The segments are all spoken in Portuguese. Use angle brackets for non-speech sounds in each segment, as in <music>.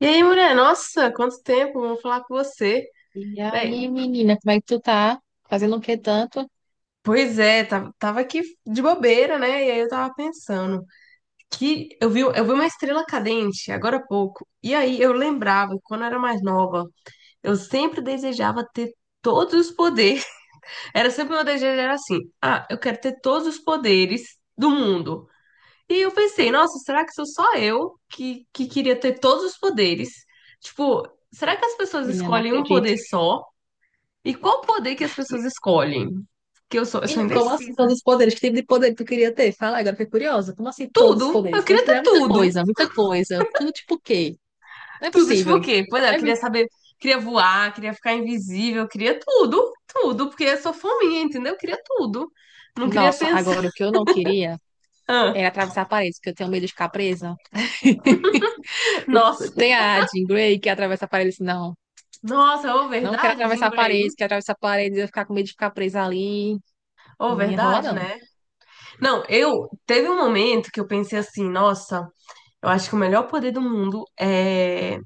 E aí, mulher? Nossa, quanto tempo, vamos falar com você. E Bem, aí, menina, como é que tu tá? Fazendo o que tanto? pois é, tava aqui de bobeira, né? E aí eu tava pensando que eu vi uma estrela cadente agora há pouco. E aí eu lembrava, que quando eu era mais nova, eu sempre desejava ter todos os poderes. <laughs> Era sempre meu desejo, era assim, ah, eu quero ter todos os poderes do mundo. E eu pensei, nossa, será que sou só eu que queria ter todos os poderes? Tipo, será que as pessoas Menina, não escolhem um acredito. poder só? E qual poder que as pessoas escolhem? Que eu sou Menina, como assim todos indecisa. os poderes? Que tipo de poder tu queria ter? Fala, agora fiquei curiosa. Como assim todos os Tudo. Eu poderes? queria Deus é ter muita tudo. coisa, muita coisa. Tudo tipo o quê? Não é Tudo, tipo o possível. quê? Pois é, eu queria Deve- saber, queria voar, queria ficar invisível, eu queria tudo, tudo, porque eu sou fominha, entendeu? Eu queria tudo. Não queria Nossa, pensar. agora o que <laughs> eu não queria Ah, era atravessar paredes, porque eu tenho medo de ficar presa. O- nossa. Tem a Jean Grey que atravessa paredes. Não, Nossa, ou não quero verdade, Jean atravessar Grey. paredes, que atravessar paredes eu ia ficar com medo de ficar presa ali. Ou Não ia rolar, verdade, não. né? Não, eu teve um momento que eu pensei assim, nossa, eu acho que o melhor poder do mundo é,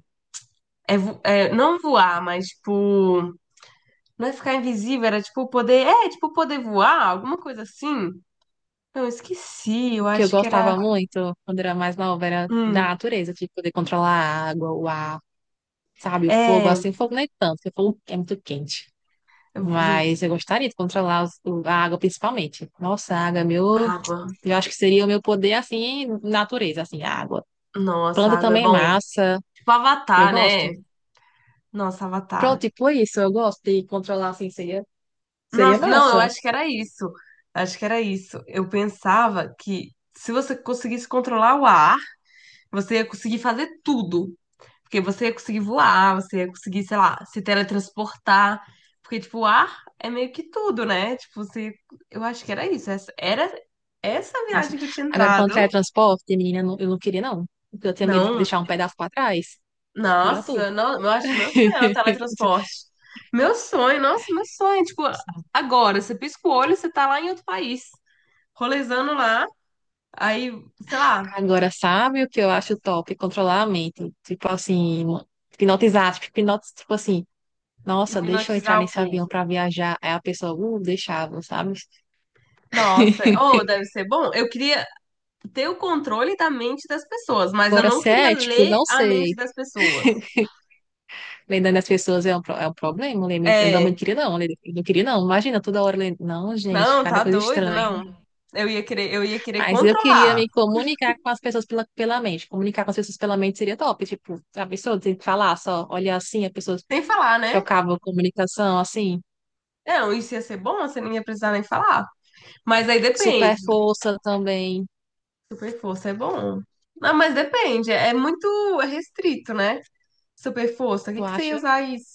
é, vo- é não voar, mas tipo, não é ficar invisível, era tipo poder. É, tipo poder voar, alguma coisa assim. Eu esqueci, eu Que eu acho que era. gostava muito quando era mais nova era da Hum, natureza, tipo, poder controlar a água, o ar, sabe, o fogo, é. assim, fogo nem tanto, porque fogo é muito quente. ju- Mas eu gostaria de controlar a água principalmente. Nossa, a água é meu. Água. Eu acho que seria o meu poder, assim, natureza, assim, a água. Nossa, Planta água é também é bom. massa, Tipo eu Avatar, né? gosto. Nossa, Pronto, Avatar. tipo isso, eu gosto de controlar, assim, seria, seria Nossa, não, eu massa. acho que era isso. Acho que era isso. Eu pensava que se você conseguisse controlar o ar, você ia conseguir fazer tudo. Porque você ia conseguir voar, você ia conseguir, sei lá, se teletransportar. Porque, tipo, o ar é meio que tudo, né? Tipo, você, eu acho que era isso. Essa era essa Nossa. viagem que eu tinha Agora, quando é entrado. transporte, menina, eu não queria, não. Porque eu tinha medo de Não, deixar um pedaço pra trás. Juro a tu. nossa, não, eu acho que meu sonho era o teletransporte. Meu sonho, nossa, meu sonho. Tipo, <laughs> agora, você pisca o olho, você tá lá em outro país, rolezando lá, aí, sei lá, Agora, sabe o que eu acho top? Controlar a mente. Tipo assim, hipnotizar, tipo, tipo assim, nossa, deixa eu entrar hipnotizar o nesse povo. avião pra viajar. Aí a pessoa, deixava, sabe? Nossa, <laughs> ou deve ser bom. Eu queria ter o controle da mente das pessoas, mas eu Agora, não se queria é, tipo, ler não a mente sei. das pessoas. Lembrando as pessoas é é um problema. Eu também não É, queria, não. Eu não queria, não. Imagina, toda hora. Não, gente, não, cada tá coisa doido, estranha. não. Eu ia querer Mas eu queria controlar, me comunicar com as pessoas pela mente. Comunicar com as pessoas pela mente seria top. Tipo, a pessoa tem que falar só, olhar assim, a pessoa sem falar, né? trocava comunicação assim. Não, isso ia ser bom, você não ia precisar nem falar. Mas aí Super depende. força também, Super força é bom. Não, mas depende, é muito restrito, né? Super força, o que tu que você ia acha? usar isso?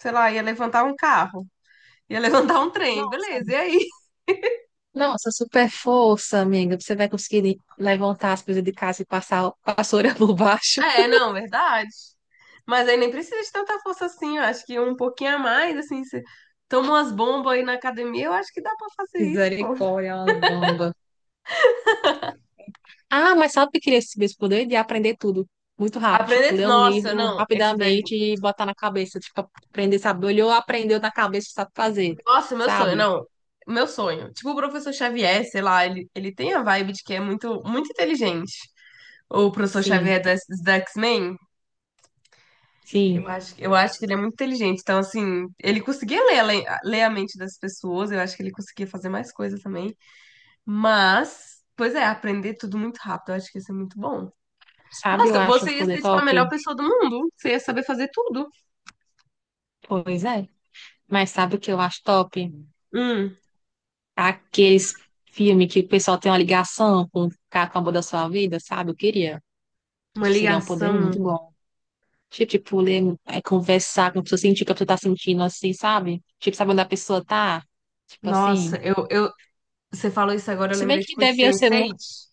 Sei lá, ia levantar um carro, ia <laughs> levantar um trem, Nossa, beleza, e amiga. aí? Nossa, super força, amiga. Você vai conseguir levantar as coisas de casa e passar a vassoura <laughs> por baixo. É, não, verdade. Mas aí nem precisa de tanta força assim, eu acho que um pouquinho a mais, assim, você toma umas bombas aí na academia, eu acho que dá pra fazer isso, pô. Misericórdia, é uma bomba. Ah, mas sabe o que eu queria esse mesmo poder? De aprender tudo muito rápido. Tipo, Aprender, ler um nossa, livro não, esse daí. rapidamente e botar na cabeça. Tipo, aprender, sabe? Olhou, aprendeu na cabeça, sabe fazer. Nossa, meu sonho, Sabe? não. Meu sonho. Tipo o professor Xavier, sei lá, ele tem a vibe de que é muito, muito inteligente. O professor Xavier Sim, da, X-Men, sim. eu acho que ele é muito inteligente. Então, assim, ele conseguia ler a mente das pessoas, eu acho que ele conseguia fazer mais coisa também. Mas, pois é, aprender tudo muito rápido, eu acho que isso é muito bom. Sabe, eu Nossa, acho um você ia poder ser tipo a melhor top. pessoa do mundo, você ia saber fazer tudo. Pois é. Mas sabe o que eu acho top? Hum, Aqueles filmes que o pessoal tem uma ligação com o cara com o amor da sua vida, sabe? Eu queria. uma Acho que seria um poder muito ligação. bom. Tipo, tipo, ler, é, conversar com a pessoa, sentir o que a pessoa tá sentindo, assim, sabe? Tipo, sabe onde a pessoa tá? Tipo Nossa, assim. eu, você falou isso agora, eu Se bem lembrei que tipo de devia ser um Sense8.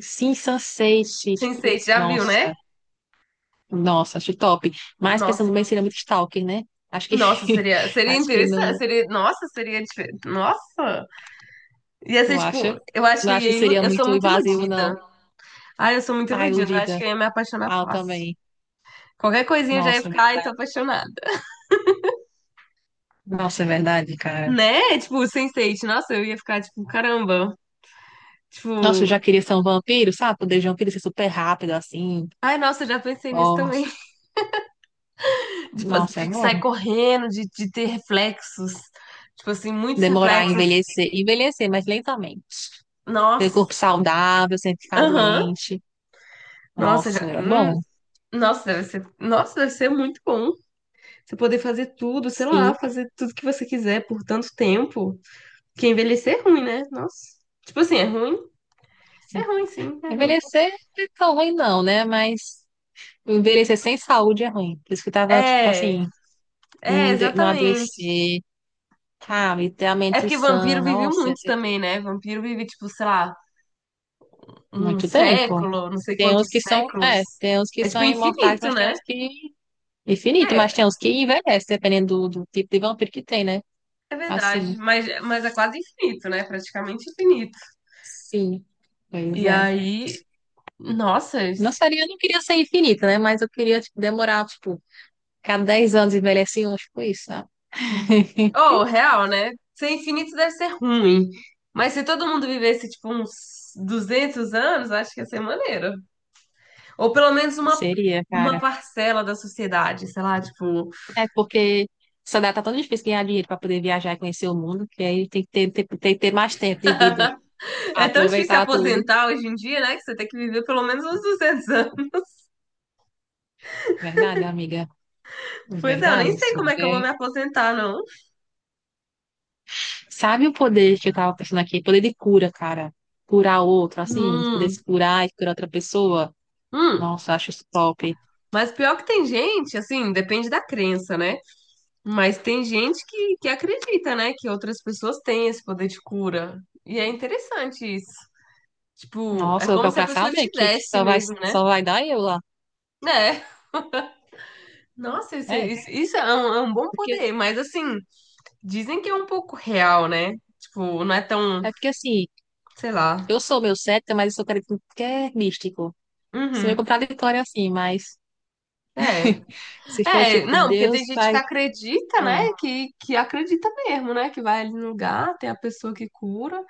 sim, sensate, tipo, Sense8, já viu, né? nossa, nossa, acho top. Mas Nossa, pensando bem, seria muito stalker, né? Acho que nossa, <laughs> seria, seria acho que interessante, não, seria, nossa, seria diferente, nossa, ia tu ser tipo, acha? eu acho Não que acho que seria eu sou muito muito invasivo, não. iludida, ai, eu sou muito Ah, iludida, eu acho que iludida. eu ia me apaixonar Ah, eu fácil, também. qualquer coisinha eu já ia Nossa, é ficar, ai, tô verdade. apaixonada. Nossa, é verdade, cara. Né? Tipo, Sense8, nossa, eu ia ficar tipo, caramba. Nossa, Tipo, eu já queria ser um vampiro, sabe? Poder de vampiro ser super rápido assim. ai, nossa, eu já pensei nisso Ó, também. <laughs> Tipo, nossa, é assim, de sair bom. correndo, de ter reflexos. Tipo assim, muitos Demorar a reflexos. envelhecer, envelhecer, mas lentamente. Ter Nossa, corpo saudável, sem ficar aham. doente. Nossa, Nossa, já. é bom. Nossa, deve ser. Nossa, deve ser muito bom. Você poder fazer tudo, sei lá, Sim. fazer tudo que você quiser por tanto tempo. Porque envelhecer é ruim, né? Nossa. Tipo assim, é ruim? É Sim. ruim, sim, é ruim. Envelhecer não é tão ruim não, né? Mas envelhecer sem saúde é ruim. Por isso que eu tava, tipo É, assim, é, não, não exatamente. adoecer, sabe? Ter a É mente porque vampiro sã. viveu Nossa, ia muito ser tudo. também, né? Vampiro vive, tipo, sei lá, um Muito tempo. século, não sei Tem uns quantos que são, séculos. é, tem uns que É, são tipo, imortais, infinito, mas tem né? uns que infinito, mas É, tem uns que envelhecem, dependendo do tipo de vampiro que tem, né? é, verdade. Assim, Mas é quase infinito, né? Praticamente infinito. sim. Pois E é. aí, nossa. Não seria, eu não queria ser infinita, né? Mas eu queria, tipo, demorar, tipo, cada 10 anos envelhecer um, tipo isso, sabe? <laughs> Oh, real, né? Ser infinito deve ser ruim. Mas se todo mundo vivesse, tipo, uns 200 anos, acho que ia ser maneiro. Ou pelo menos uma, Seria, uma cara. parcela da sociedade, sei lá, tipo. É porque essa data tá tão difícil ganhar dinheiro pra poder viajar e conhecer o mundo, que aí tem que tem que ter mais tempo de vida pra É tão difícil se aproveitar tudo. aposentar hoje em dia, né? Que você tem que viver pelo menos uns 200 anos. <laughs> Verdade, amiga? Pois é, eu nem Verdade, sei isso. como é que eu vou É. me aposentar, não. Sabe o poder que eu tava pensando aqui? Poder de cura, cara. Curar outro, assim, poder Hum, se curar e curar outra pessoa. hum. Nossa, acho isso top. Mas pior que tem gente, assim, depende da crença, né? Mas tem gente que acredita, né? Que outras pessoas têm esse poder de cura. E é interessante isso. Tipo, é Nossa, eu vou como se a procurar pessoa saber que tivesse mesmo, né? só vai dar eu lá. É. Nossa, É. Isso é um bom Porque, poder. Mas, assim, dizem que é um pouco real, né? Tipo, não é tão, é porque assim, sei lá. eu sou meio cética, mas eu sou cara que é místico. Isso é meio Uhum. contraditório assim, mas É. <laughs> se for É, tipo, não, porque tem Deus gente que faz. acredita, né? Ah, Que acredita mesmo, né? Que vai ali no lugar, tem a pessoa que cura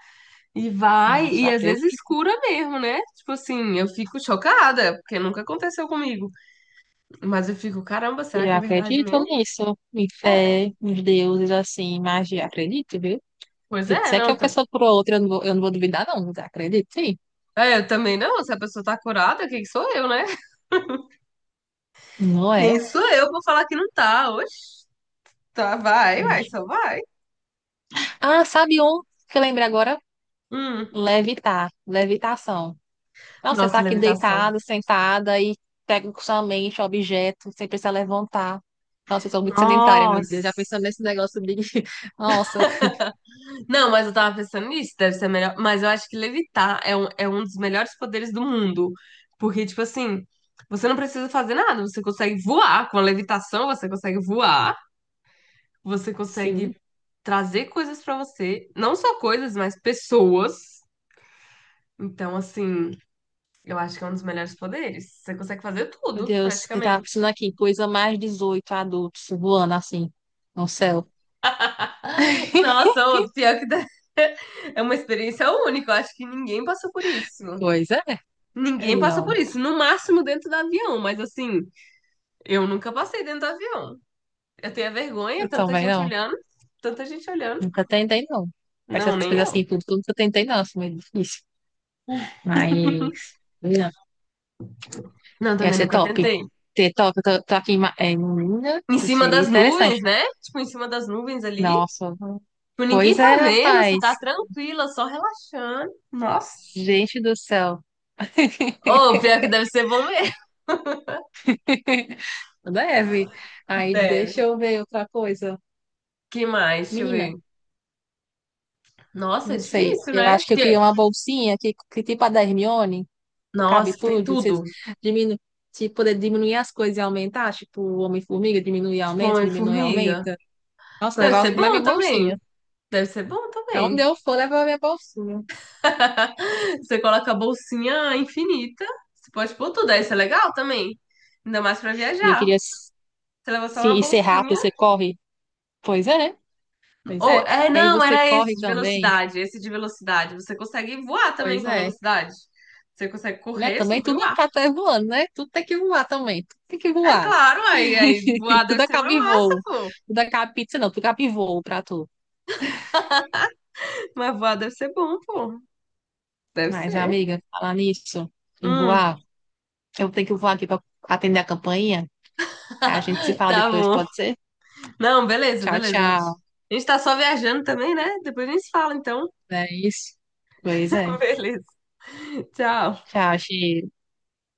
e vai, nossa, e às vezes acredito. cura mesmo, né? Tipo assim, eu fico chocada, porque nunca aconteceu comigo. Mas eu fico, caramba, será Eu que é verdade acredito mesmo? nisso. Em É. fé, em deuses, assim, magia. Acredito, viu? Pois é, Se é que é não. uma pessoa por outra, eu não vou duvidar, não. Acredito, sim. É, eu também não. Se a pessoa tá curada, quem sou eu, né? <laughs> Não Quem é? sou eu pra falar que não tá? Oxe, tá, vai, vai, só vai. Ah, sabe um que eu lembrei agora? Hum. Levitar, levitação. Então, você tá Nossa, aqui levitação. deitado, sentada e pega com sua mente o objeto, sem precisar levantar. Nossa, eu sou muito sedentária, meu Deus. Já pensando Nossa. nesse negócio de. <laughs> Nossa, Não, mas eu tava pensando nisso, deve ser melhor. Mas eu acho que levitar é um dos melhores poderes do mundo. Porque, tipo assim, você não precisa fazer nada, você consegue voar. Com a levitação, você consegue voar, você sim. consegue trazer coisas pra você. Não só coisas, mas pessoas. Então, assim, eu acho que é um dos melhores poderes. Você consegue fazer Meu tudo, Deus, eu tava pensando praticamente. aqui, coisa mais 18 adultos voando assim no céu. <laughs> Nossa, ô, pior que <laughs> é uma experiência única. Eu acho que ninguém passou por isso. Pois é. É. Ninguém passou por Não, isso. No máximo dentro do avião, mas assim, eu nunca passei dentro do avião. Eu tenho a vergonha, eu tanta também gente não. olhando, tanta gente olhando. Nunca tentei, não. Não, Essas nem coisas eu. assim, tudo, tudo que eu tentei, não, assim, meio difícil. Mas, não, Não, ia também ser nunca top. tentei. Ser top, eu tô, tô aqui em, é, em Minas, Em cima seria das interessante. nuvens, né? Tipo, em cima das nuvens ali. Nossa, Tipo, ninguém pois é, tá vendo, você tá rapaz. tranquila, só relaxando. Nossa. Gente do céu. Ô, pior que deve ser bom mesmo. <laughs> Deve. Aí, Deve. deixa eu ver outra coisa. Que mais? Deixa eu ver. Menina, Nossa, é não sei. difícil, Eu né? acho que eu Porque, queria uma bolsinha que tipo a da Hermione. Cabe nossa, tem tudo, você tudo. diminu se poder diminuir as coisas e aumentar, tipo o Homem-Formiga, diminui e Tipo, aumenta, uma diminui e formiga. aumenta. Nossa, Deve levar ser tudo na minha bom também. bolsinha. Deve ser bom Pra onde também. eu for, levar a minha bolsinha. <laughs> Você coloca a bolsinha infinita. Você pode pôr tudo, aí isso é legal também. Ainda mais pra E eu viajar. queria Você leva só se, uma e ser rápido, bolsinha. você corre. Pois é, pois Ou, é. é, E aí não, você era esse corre de também. velocidade, esse de velocidade. Você consegue voar também Pois com a é. velocidade. Você consegue Né? correr Também sobre o tudo ar. tá até voando, né? Tudo tem que voar também. Tudo tem que É voar. claro, aí <laughs> voar deve Tudo ser acaba uma em massa, voo. pô. Tudo acaba em pizza, não. Tudo acaba em voo pra tu. Mas voar deve ser bom, pô. Deve Mas, ser. amiga, falar nisso, em Hum, voar. Eu tenho que voar aqui para atender a campainha. A gente se <laughs> fala tá depois, bom. pode ser? Não, beleza, Tchau, beleza, gente. tchau. A gente tá só viajando também, né? Depois a gente se fala, então. É isso. Pois é. <laughs> Beleza. Tchau. Tchau, X.